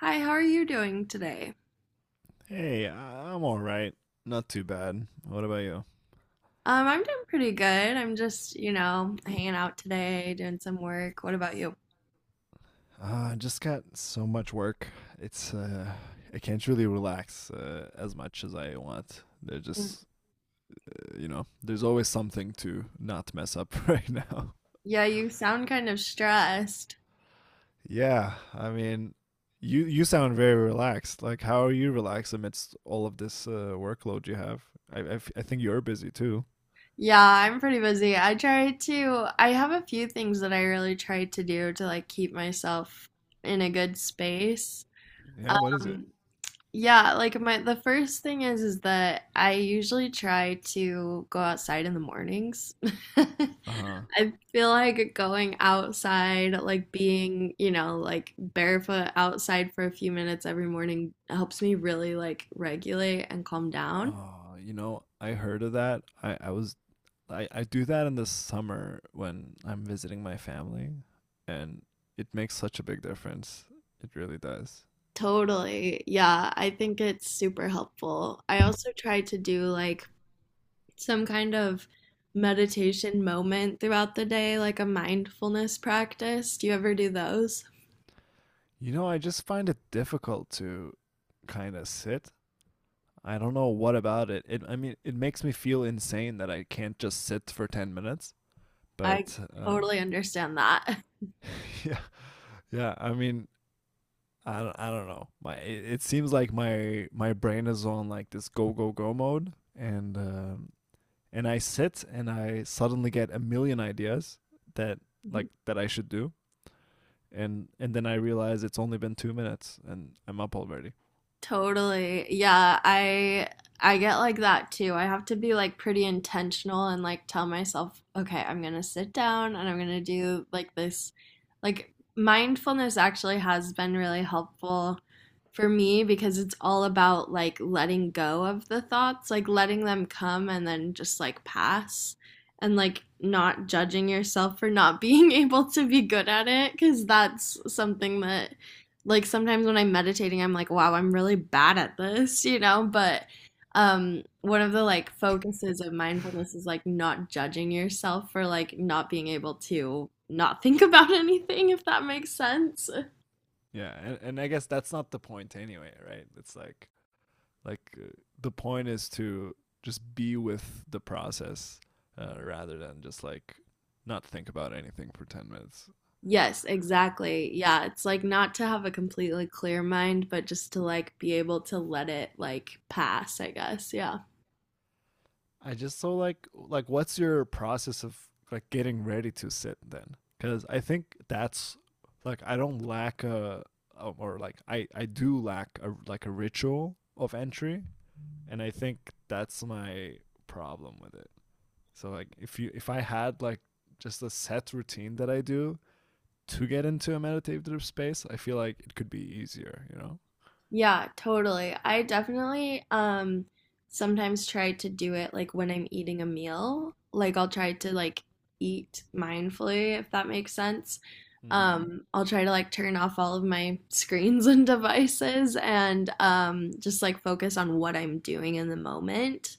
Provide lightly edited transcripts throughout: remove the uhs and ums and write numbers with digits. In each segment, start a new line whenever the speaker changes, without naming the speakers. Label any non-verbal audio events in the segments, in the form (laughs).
Hi, how are you doing today?
All right. Not too bad. What about you?
I'm doing pretty good. I'm just, you know, hanging out today, doing some work. What about you?
I just got so much work. It's I can't really relax as much as I want. There's
Mm.
just, you know, there's always something to not mess up (laughs) right now.
Yeah, you sound kind of stressed.
Yeah, I mean, you sound very relaxed. Like, how are you relaxed amidst all of this workload you have? I think you're busy too.
Yeah, I'm pretty busy. I try to, I have a few things that I really try to do to like keep myself in a good space.
Yeah, what is it?
Um, Yeah, like my the first thing is that I usually try to go outside in the mornings. (laughs)
Uh huh.
I feel like going outside, like being, you know, like barefoot outside for a few minutes every morning helps me really like regulate and calm down.
Oh, you know, I heard of that. I do that in the summer when I'm visiting my family, and it makes such a big difference. It really does.
Totally. Yeah, I think it's super helpful. I also try to do like some kind of meditation moment throughout the day, like a mindfulness practice. Do you ever do those?
You know, I just find it difficult to kind of sit. I don't know what about it. I mean, it makes me feel insane that I can't just sit for 10 minutes,
I
but
totally understand that. (laughs)
(laughs) yeah. Yeah, I mean, I don't know. My it seems like my brain is on like this go go go mode and um and I sit and I suddenly get a million ideas that
Yeah.
like that I should do and then I realize it's only been 2 minutes and I'm up already.
Totally. Yeah, I get like that too. I have to be like pretty intentional and like tell myself, okay, I'm gonna sit down and I'm gonna do like this. Like mindfulness actually has been really helpful for me because it's all about like letting go of the thoughts, like letting them come and then just like pass and like not judging yourself for not being (laughs) able to be good at it because that's something that like sometimes when I'm meditating, I'm like, wow, I'm really bad at this, you know? But one of the like focuses of mindfulness is like not judging yourself for like not being able to not think (laughs) about anything, if that makes sense.
Yeah, and I guess that's not the point anyway, right? It's like the point is to just be with the process rather than just like not think about anything for 10 minutes.
Yes, exactly. Yeah, it's like not to have a completely clear mind, but just to like be able to let it like pass, I guess. Yeah.
I just so like what's your process of like getting ready to sit then? Because I think that's like I don't lack a or like I do lack a like a ritual of entry, and I think that's my problem with it. So like if I had like just a set routine that I do to get into a meditative space, I feel like it could be easier. You know.
Yeah, totally. I definitely sometimes try to do it like when I'm eating a meal. Like I'll try to like eat mindfully if that makes sense.
Mm-hmm.
I'll try to like turn off all of my (laughs) screens and devices and just like focus on what I'm doing in the moment.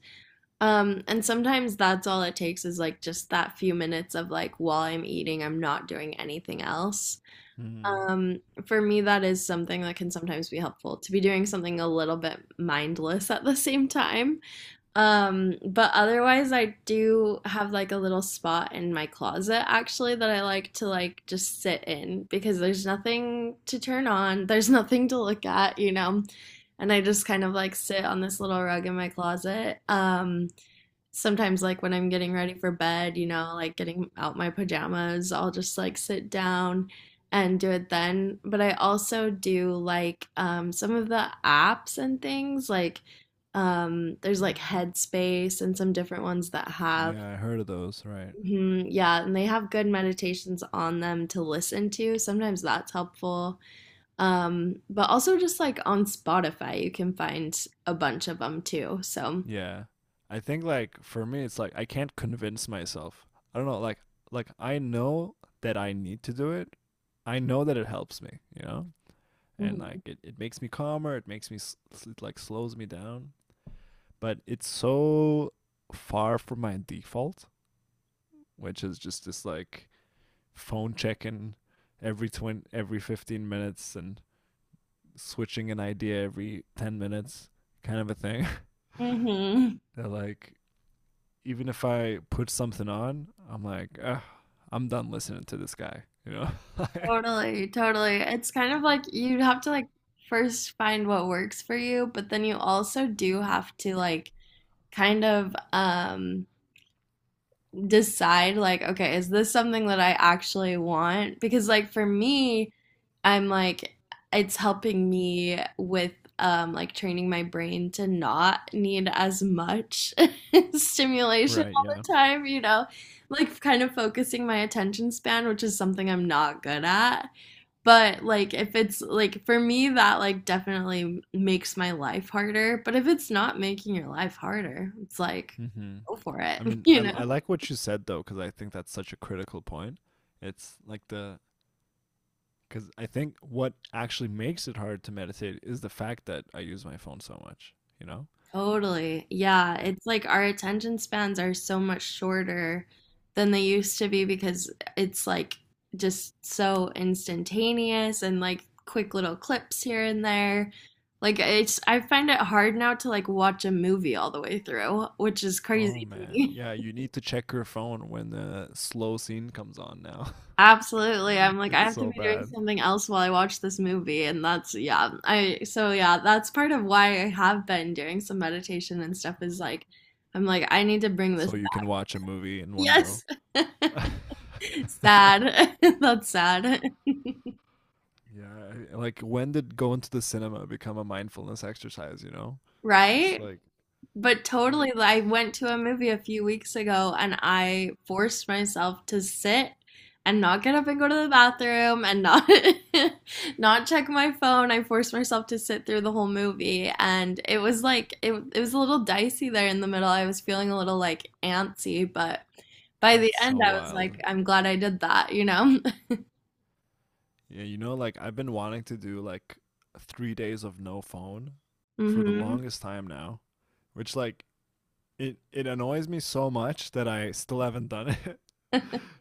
And sometimes that's all it takes is like just that few minutes of like while I'm eating, I'm not doing anything else.
Mm-hmm.
Um, for me, that is something that can sometimes be helpful to be doing something a little bit mindless at the same time. But otherwise, I do have like a little spot in my closet actually that I like to like just sit in because there's nothing to turn on, there's nothing to look at, you know. And I just kind of like sit on this little rug in my closet. Sometimes like when I'm getting ready for bed, you know, like getting out my pajamas, I'll just like sit down and do it then. But I also do like some of the apps and things like there's like Headspace and some different ones that have.
Yeah, I heard of those. Right.
Mhm, yeah, and they have good meditations on them to listen to. Sometimes that's helpful. But also just like on Spotify, you can find a bunch of them too. So,
Yeah. I think like for me it's like I can't convince myself. I don't know, I know that I need to do it. I know that it helps me, you know? And
mhm.
it makes me calmer, it makes me s- s- it like slows me down, but it's so far from my default, which is just this like phone check-in every 20 every 15 minutes and switching an idea every 10 minutes kind of a thing.
Mhm.
(laughs) they like even if I put something on, I'm like, "Ugh, I'm done listening to this guy, you know? (laughs)
Totally, totally. It's kind of like you have to like first find what works for you, but then you also do have to like kind of decide like, okay, is this something that I actually want? Because like for me, I'm like it's helping me with like training my brain to not need as much (laughs) stimulation
Right,
all
yeah.
the time, you know, like kind of focusing my attention span, which is something I'm not good at. But like if it's like for me that like definitely makes my life harder, but if it's not making your life harder, it's like
Hmm.
go for it,
I
(laughs)
mean,
you
I
know?
like what you said though, because I think that's such a critical point. It's like the, because I think what actually makes it hard to meditate is the fact that I use my phone so much, you know?
Totally. Yeah,
Eh,
it's like our attention spans are so much shorter than they used to be because it's like just so instantaneous and like quick little clips here and there. Like it's I find it hard now to like watch a movie all the way through, which is
Oh
crazy to
man,
me.
yeah,
(laughs)
you need to check your phone when the slow scene comes on now. (laughs)
Absolutely. I'm like, I
It's
have to
so
be doing
bad.
something else while I watch this movie. And that's, yeah. I, so yeah, that's part of why I have been doing some meditation and stuff is like, I'm like, I need to bring this
So
back.
you can watch a movie in one go.
Yes. (laughs)
(laughs)
Sad. (laughs) That's sad.
Yeah, like when did going to the cinema become a mindfulness exercise, you know? It's
Right?
like
But totally, I went to a movie a few weeks ago and I forced myself to sit and not get up and go to the bathroom and not (laughs) not check my phone. I forced myself to sit through the whole movie and it was like it was a little dicey there in the middle. I was feeling a little like antsy, but by the
that's
end
so
I was
wild.
like, I'm glad I did that, you know?
Yeah, you know like I've been wanting to do like 3 days of no phone
(laughs)
for the
Hmm.
longest time now, which like it annoys me so much that I still haven't done it. (laughs)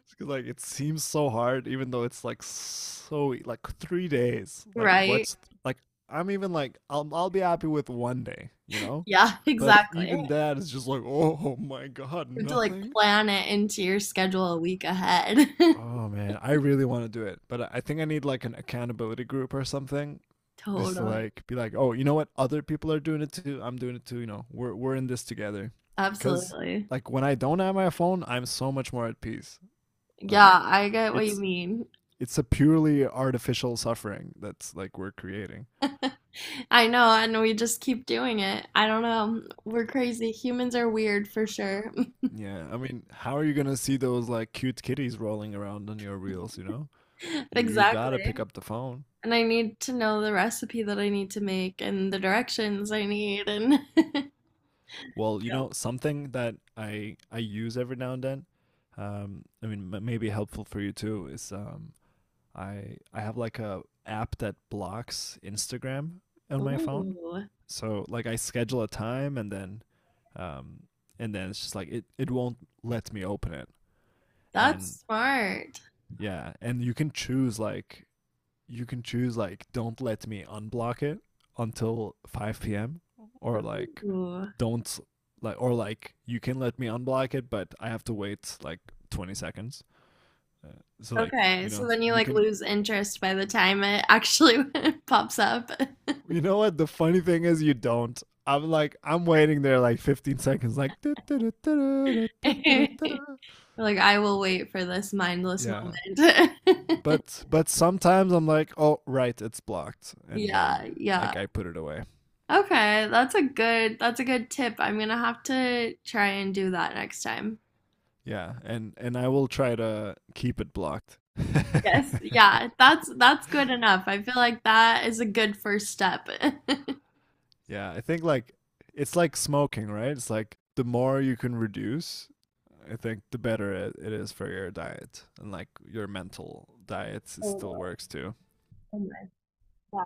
It's 'cause, like it seems so hard, even though it's like like 3 days. Like
Right.
what's like I'm even like I'll be happy with one day, you know,
Yeah, (laughs)
but
exactly. You
even that is just like (laughs) oh my god,
have to like
nothing.
plan it into your schedule a week ahead. (laughs)
Oh man, I really want to do it, but I think I need like an accountability group or something, just to
Totally.
like be like, oh, you know what? Other people are doing it too. I'm doing it too. You know, we're in this together. Cause
Absolutely.
like when I don't have my phone, I'm so much more at peace. Like
Yeah, I get what you
it's
mean.
it's a purely artificial suffering that's like we're creating.
I know, and we just keep doing it. I don't know. We're crazy. Humans are weird for sure. (laughs)
Yeah, I mean, how are you gonna see those like cute kitties rolling around on your reels? You know, you gotta
Exactly.
pick up the phone.
And I need to know the recipe that I need to make and the directions I need and (laughs)
Well, you
yeah.
know, something that I use every now and then, I mean, maybe helpful for you too, is I have like a app that blocks Instagram on my phone.
Ooh,
So like I schedule a time um, and then it's just like it won't let me open it. And
that's smart.
yeah, and you can choose like you can choose like don't let me unblock it until 5 p.m. or like
Ooh.
don't like or like you can let me unblock it but I have to wait like 20 seconds. Uh, so like,
Okay,
you know,
so then you like lose interest by the time it actually (laughs) pops up.
you know what the funny thing is? You don't. I'm waiting there like 15 seconds like
(laughs) You're like, I will wait for this mindless
yeah.
moment. (laughs)
But sometimes I'm like, "Oh, right, it's blocked." And then
Yeah, yeah.
like I put it away.
Okay, that's a good tip. I'm gonna have to try and do that next time.
Yeah, and I will try to keep it blocked. (laughs)
Yes, yeah, that's good enough. I feel like that is a good first step. (laughs)
Yeah, I think like it's like smoking, right? It's like the more you can reduce, I think the better it is for your diet. And like your mental diet still
Totally.
works too.
Oh my God.